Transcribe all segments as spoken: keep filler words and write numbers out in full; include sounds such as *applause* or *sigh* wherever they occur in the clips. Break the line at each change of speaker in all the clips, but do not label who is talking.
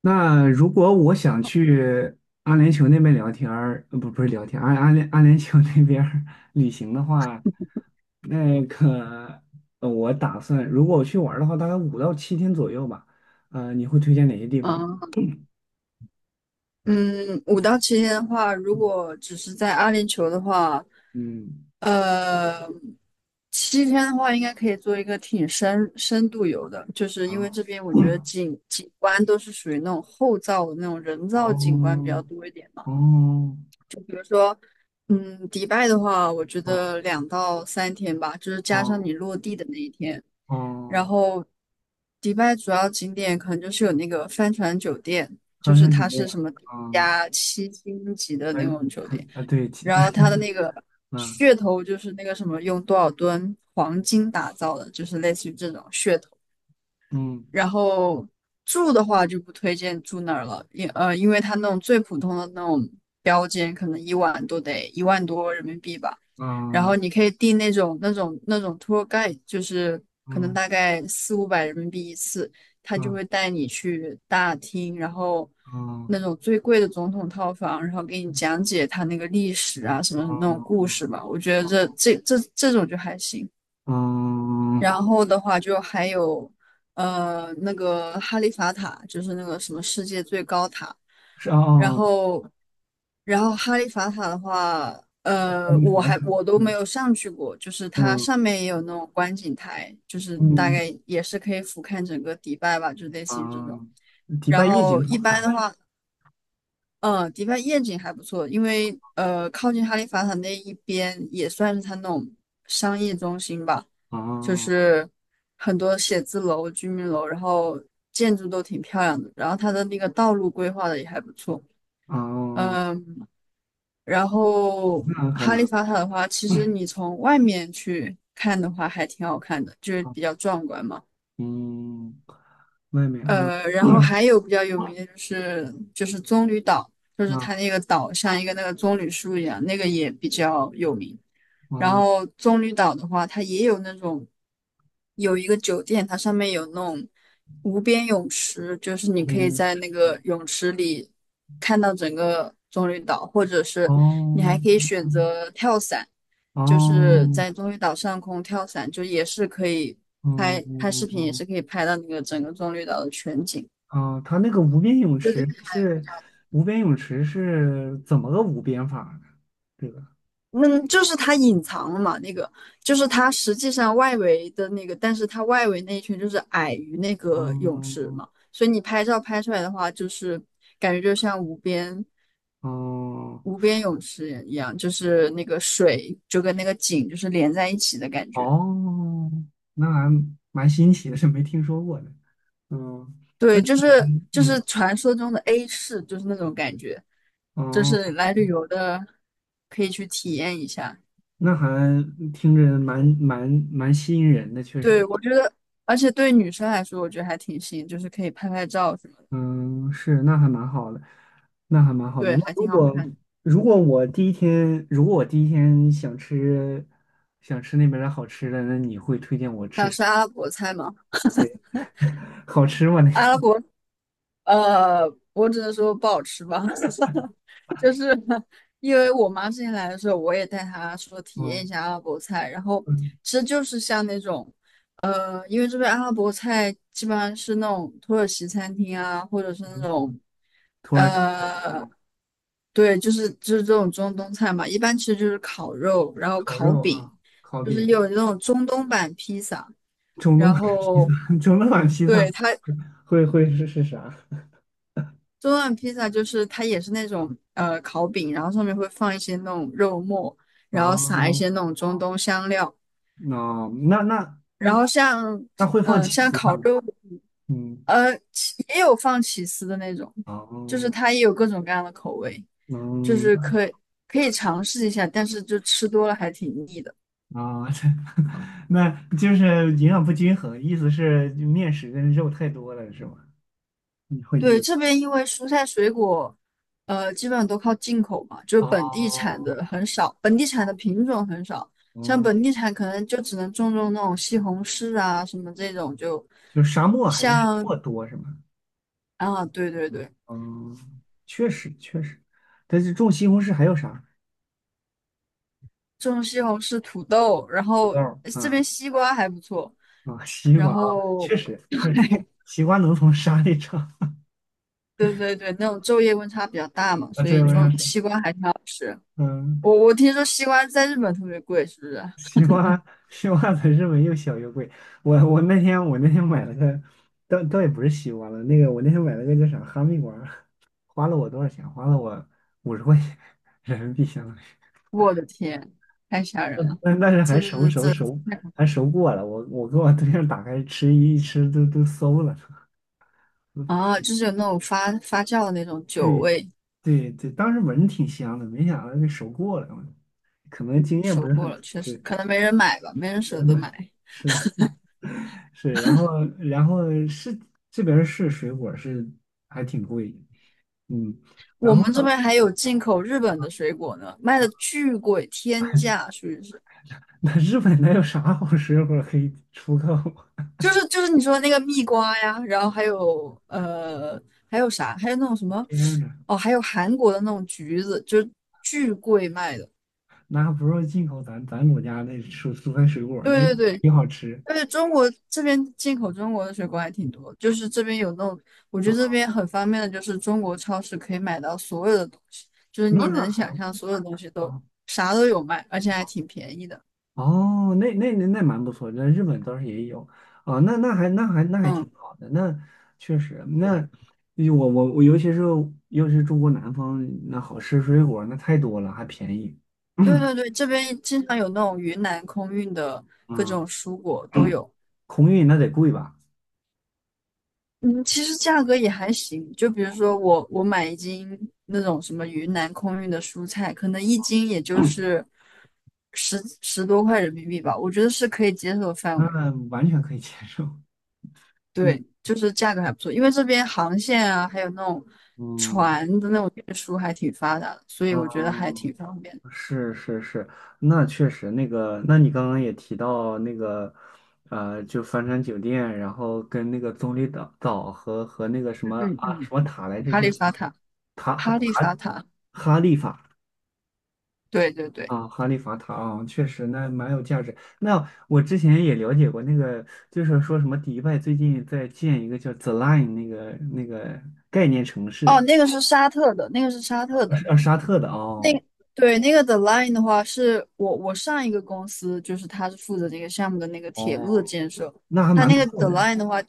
那如果我想去阿联酋那边聊天儿，呃不不是聊天，阿阿联阿联酋那边儿 *laughs* 旅行的话，那个呃我打算如果我去玩儿的话，大概五到七天左右吧。呃，你会推荐哪些地方呢？
啊，嗯，五到七天的话，如果只是在阿联酋的话，
嗯，
呃，七天的话应该可以做一个挺深深度游的，就是因为
啊，
这边我觉得景景观都是属于那种后造的那种人造景观比
哦，
较多一点嘛。
哦，
嗯，迪拜的话，我觉
哦，
得两到三天吧，就是加上
哦，
你落地的那一天。然
哦，
后迪拜主要景点可能就是有那个帆船酒店，
好
就是
像是
它
这
是什
样，
么
啊，
加七星级的
还
那种酒店，
啊，对，其
然后
*laughs*
它的那个
嗯
噱头就是那个什么用多少吨黄金打造的，就是类似于这种噱头。
嗯
然后住的话就不推荐住那儿了，因呃，因为它那种最普通的那种标间，可能一晚都得一万多人民币吧。然后
嗯
你可以订那种那种那种 tour guide，就是可能
嗯
大概四五百人民币一次，他就
嗯
会带你去大厅，然后那
嗯
种最贵的总统套房，然后给你讲解他那个历史啊什么什么那种故
嗯。
事吧。我觉得这这这这种就还行。
嗯，
然后的话就还有呃那个哈利法塔，就是那个什么世界最高塔。
是
然
哦，
后，然后哈利法塔的话，
是阿
呃，
姆斯
我还
特
我都没
嗯
有上去过，就是它
嗯
上面也有那种观景台，就是大
嗯
概也是可以俯瞰整个迪拜吧，就类似于这种。
嗯，迪
然
拜夜景
后一
好
般
看，
的话，嗯，迪拜夜景还不错，因为呃，靠近哈利法塔那一边也算是它那种商业中心吧，就
哦
是很多写字楼、居民楼，然后建筑都挺漂亮的，然后它的那个道路规划的也还不错，
哦，
嗯，然后
那还
哈
蛮，
利法塔的话，其实
嗯
你从外面去看的话还挺好看的，就是
好
比较壮观嘛。
嗯，外面啊，
呃，然后
嗯
还有比较有名的就是就是棕榈岛，就是它
啊
那个岛像一个那个棕榈树一样，那个也比较有名。然
啊，
后棕榈岛的话，它也有那种有一个酒店，它上面有那种无边泳池，就是你
旁边
可以
面
在那
是
个泳池里看到整个棕榈岛，或者是你还可以
哦
选择跳伞，就是
哦
在棕榈岛上空跳伞，就也是可以
嗯
拍拍视频，也是可以拍到那个整个棕榈岛的全景。
啊，它那个无边泳
对对，
池是无边泳池是怎么个无边法呢？这个，
嗯，就是它隐藏了嘛，那个就是它实际上外围的那个，但是它外围那一圈就是矮于那个泳池
哦
嘛，所以你拍照拍出来的话，就是感觉就像无边
哦。
无边泳池一样，就是那个水就跟那个景就是连在一起的感觉。
哦，那还蛮新奇的，是没听说过的。嗯，那
对，就是就
嗯，
是传说中的 A 市，就是那种感觉，就是
哦，
来旅游的可以去体验一下。
那还听着蛮蛮蛮吸引人的，确
对，
实。
我觉得，而且对女生来说，我觉得还挺新，就是可以拍拍照什么的。
嗯，是，那还蛮好的，那还蛮好
对，
的。那
还
如
挺好
果
看的。
如果我第一天，如果我第一天想吃想吃那边的好吃的，那你会推荐我吃什
吃
么
阿拉伯菜吗？
*laughs* 好吃吗？那
阿拉
个，
伯，呃，我只能说不好吃吧，*laughs* 就是因为我妈之前来的时候，我也带她说体验一
嗯
下阿拉伯菜，然后
嗯
其实就是像那种，呃，因为这边阿拉伯菜基本上是那种土耳其餐厅啊，或者是那
嗯，
种，
土耳其菜，
呃，
嗯，
对，就是就是这种中东菜嘛，一般其实就是烤肉，然后
烤
烤
肉
饼，
啊，烤
就是
饼，
有那种中东版披萨。
中东
然
版披
后
萨，*laughs* 中东版披萨。
对，它
会会是是啥
中段披萨就是它也是那种呃烤饼，然后上面会放一些那种肉末，然后撒一
啊？
些那种中东香料，
那那那
然后
嗯，
像
那会
嗯、
放
呃
起
像
司
烤
吗？
肉，
嗯，
呃起也有放起司的那种，就是
哦，
它也有各种各样的口味，就
嗯
是可以可以尝试一下，但是就吃多了还挺腻的。
啊，*laughs* 那就是营养不均衡，意思是面食跟肉太多了是吗？你会
对，
腻
这边因为蔬菜水果，呃，基本上都靠进口嘛，就是本地产
哦，
的很少，本地产的品种很少，像
嗯，
本地产可能就只能种种那种西红柿啊什么这种，就
就是沙漠还是沙
像
漠多是吗？
啊，对对对，
嗯，确实确实，但是种西红柿还有啥？
种西红柿、土豆，然
土
后
豆儿
这边
啊
西瓜还不错，
啊，西
然
瓜啊，
后
确实确实，
*laughs*
西瓜能从沙里长
对对对，那种昼夜温差比较大嘛，
啊，
所
这
以
有啥
种
说？
西瓜还挺好吃。
嗯。
我我听说西瓜在日本特别贵，是不是？
西瓜 *laughs* 西瓜才是没又小又贵。我我那天我那天买了个，倒倒也不是西瓜了，那个我那天买了个叫啥哈密瓜，花了我多少钱？花了我五十块钱人民币，相当于。
我的天，太吓
*laughs*
人
但
了！
但但是
这
还熟
这
熟
这
熟
这太可怕
还
了
熟过了，我我跟我对象打开吃一吃都都馊了。嗯
啊！就是有那种发发酵的那种酒
对
味，
对对，当时闻着挺香的，没想到给熟过了，可能
嗯，
经验不
收
是
过
很
了，
足。
确实
对，
可能没人买吧，没人舍
我
得
买
买。
是。是，然后然后是这边儿是水果儿是还挺贵的，嗯，
我
然后
们这
呢，
边还有进口日本的水果呢，卖的巨贵，天价，属于是，
那日本那有啥好水果儿可以出口？*laughs*
就是就是你说那个蜜瓜呀，然后还有呃还有啥，还有那种什么
天呐，
哦，还有韩国的那种橘子，就是巨贵卖的。
那不如进口咱咱国家那蔬蔬菜水果儿，那
对对对，
也好吃
而且中国这边进口中国的水果还挺多，就是这边有那种，我觉得这
啊，
边很方便的，就是中国超市可以买到所有的东西，就是
那
你
还
能想
好。
象所有东西都啥都有卖，而且还挺便宜的。
哦，那那那那蛮不错那日本倒是也有啊，那那还那还那还
嗯，
挺好的，那确实，
对，
那我我我尤其是尤其是中国南方，那好吃水果那太多了，还便宜，*clears throat*
对对对，这边经常有那种云南空运的各
啊，
种蔬果都有。
空运那得贵吧？
嗯，其实价格也还行。就比如说我我买一斤那种什么云南空运的蔬菜，可能一斤也就是十十多块人民币吧，我觉得是可以接受的范围。
那完全可以接受，
对，
嗯
就是价格还不错，因为这边航线啊，还有那种
嗯
船的那种运输还挺发达的，所以我觉得还
嗯，
挺方便。
是是是，那确实那个，那你刚刚也提到那个，呃，就帆船酒店，然后跟那个棕榈岛岛和和那个什
嗯
么
嗯
啊
嗯，
什么塔来着，
哈
叫
利法塔，
塔哈
哈利法
塔
塔，
哈利法
对对对，
啊，哈利法塔啊，确实那蛮有价值。那我之前也了解过那个，就是说什么迪拜最近在建一个叫 The Line 那个那个概念城
哦，
市，
那个是沙特的，那个是沙
呃
特的。
是啊沙特的
那
哦
对那个 The Line 的话，是我我上一个公司，就是他是负责这个项目的那个铁路的
哦，
建设。
那还
他
蛮
那个
酷
The
的哎
Line 的话，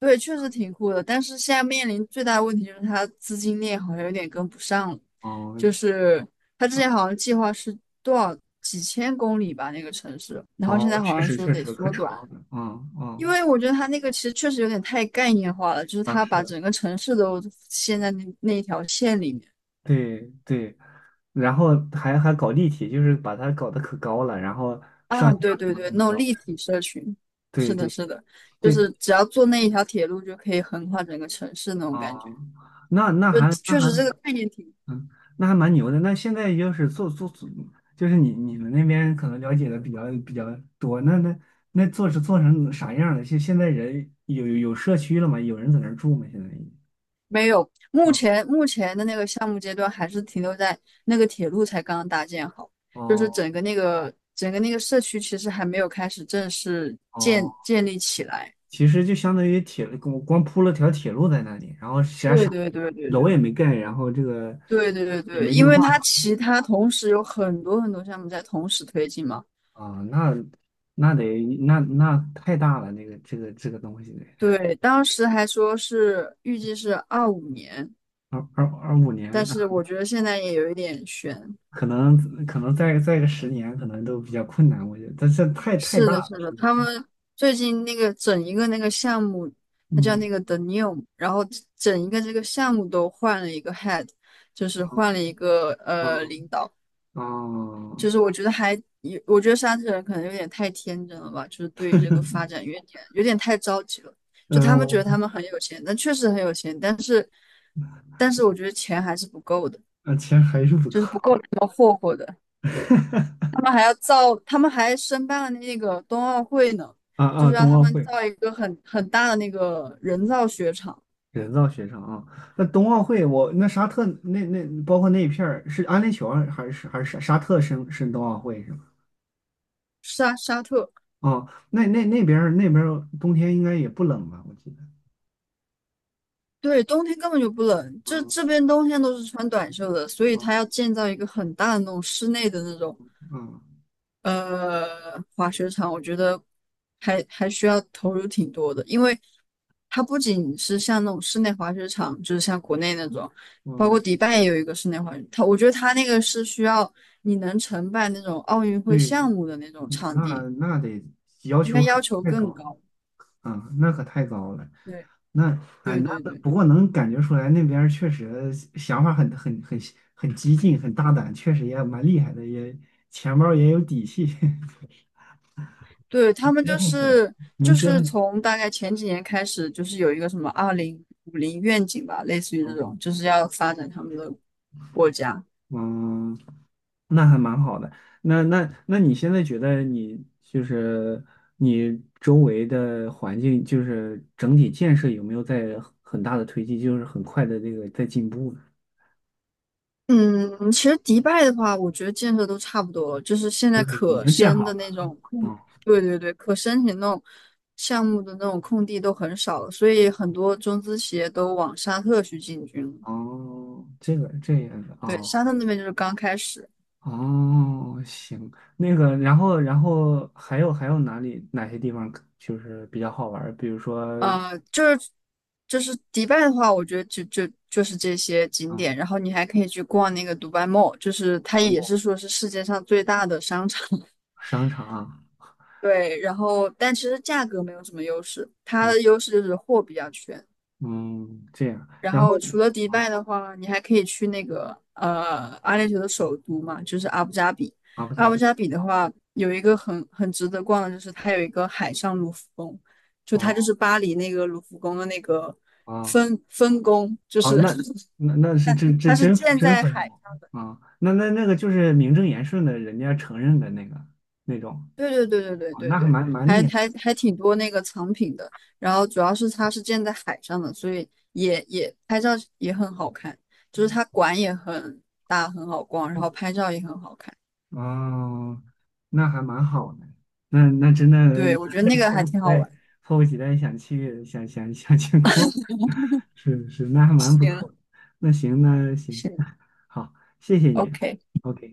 对，确实挺酷的，但是现在面临最大的问题就是他资金链好像有点跟不上了。
哦，
就是他之前好像计划是多少几千公里吧，那个城市，然后现
哦，
在好
确
像
实
说
确
得
实可
缩
长
短，
了，嗯
因
嗯
为我觉得他那个其实确实有点太概念化了，就是
啊
他把
是，
整个城市都陷在那那一条线里面。
对对，然后还还搞立体，就是把它搞得可高了，然后上
啊，
下
对
怎
对
么
对，
怎么
那种
着，
立体社群，是
对
的，
对
是的，就
对，
是只要坐那一条铁路就可以横跨整个城市那种感
啊、
觉，
那那
就
还那
确
还
实这个概念挺
嗯那还蛮牛的，那现在就是做做做，就是你你们那边可能了解的比较比较多，那那那做是做成啥样了？现现在人有有有社区了吗？有人在那儿住吗？现在已经
没有。目
啊
前目前的那个项目阶段还是停留在那个铁路才刚刚搭建好，就是
哦
整个那个整个那个社区其实还没有开始正式
哦。
建
哦
建立起来。
其实就相当于铁路，光光铺了条铁路在那里，然后其他
对
啥
对对对对
楼也没盖，然后这个
对对对
也
对，
没
因
绿
为
化
它其他同时有很多很多项目在同时推进嘛。
啊，那那得那那太大了，那个这个这个东西得
对，当时还说是预计是二五年，
二二二五
但
年，啊
是我觉得现在也有一点悬。
可能可能再再个十年，可能都比较困难，我觉得这这太太
是
大
的，
了，
是的，
实在
他
是
们最近那个整一个那个项目，它叫
嗯
那个 The New，然后整一个这个项目都换了一个 head，就是
嗯
换了一个呃
哦
领导，就是
嗯
我觉得还有，我觉得沙特人可能有点太天真了吧，就是对于这个发展有点有点太着急了。就他们觉得
呃，
他们很有钱，但确实很有钱，但是但是我觉得钱还是不够的。
呃钱还是不够
就是不够他们霍霍的。他
*laughs*
们还要造，他们还申办了那个冬奥会呢，
啊
就
啊，
是让
冬
他
奥
们
会
造一个很很大的那个人造雪场。
人造雪场啊，那冬奥会我那沙特那那包括那一片儿是安联酋还是还是沙沙特申申冬奥会是吗？
沙沙特。
哦，那那那边儿那边儿冬天应该也不冷吧？我记得。
对，冬天根本就不冷，这
嗯
这边冬天都是穿短袖的，所以他
嗯
要建造一个很大的那种室内的那种
嗯
呃，滑雪场我觉得还还需要投入挺多的，因为它不仅是像那种室内滑雪场，就是像国内那种，包括
嗯，
迪拜也有一个室内滑雪，它我觉得它那个是需要你能承办那种奥运会
对，
项目的那种
那
场
那
地，
那得要
应该
求
要
可
求
太高
更
了，
高。
嗯，那可太高了。
对
那啊，
对
那
对对
不过能感觉出来那边儿确实想法很很很很激进，很大胆，确实也蛮厉害的，也钱包儿也有底气。*laughs*
对，他们
折
就
腾死了，
是
能
就
折
是
腾
从大概前几年开始，就是有一个什么二零五零愿景吧，类似于这
嗯，
种，就是要发展他们的国家。
嗯那还蛮好的。那那那你现在觉得你就是你周围的环境，就是整体建设有没有在很大的推进，就是很快的这个在进步呢？
嗯，其实迪拜的话，我觉得建设都差不多了，就是现在
就是已
可
经建
申的
好
那
了。
种，空，
嗯，
对对对，可申请那种项目的那种空地都很少了，所以很多中资企业都往沙特去进军了。
哦，这个这样的
对，
哦
沙特那边就是刚开始，
哦，行，那个，然后然后还有还有哪里哪些地方就是比较好玩儿？比如说
呃，就是就是迪拜的话，我觉得就就就是这些景
啊，
点，
嗯
然后你还可以去逛那个迪拜 Mall，就是它
文
也
物
是说是世界上最大的商场。*laughs*
商场啊。
对，然后但其实价格没有什么优势，它
嗯
的优势就是货比较全。
嗯，这样，
然
然后
后除了迪
啊，
拜的话，你还可以去那个呃阿联酋的首都嘛，就是阿布扎比。
阿布
阿
扎
布
比，
扎比的话，有一个很很值得逛的，就是它有一个海上卢浮宫，就它就是
哦
巴黎那个卢浮宫的那个
哦
分分宫，就
哦，
是
那
*laughs*
那那是真
它
真
是
真
建
真
在
分
海
国
上。
啊，那那那个就是名正言顺的，人家承认的那个那种，
对对对对对
哦，
对
那还
对，
蛮蛮
还
厉害，
还还挺多那个藏品的。然后主要是它是建在海上的，所以也也拍照也很好看，就是它馆也很大，很好逛，然后拍照也很好看。
哦，那还蛮好的，那那真的
对，我觉得
那
那个
迫
还
不及
挺好
待，
玩。
迫不及待想去想想想去过，*laughs* 是是，那还蛮不
行，O K，
错的，那行那行，
行
*laughs* 好，谢谢
o
你
k
，OK。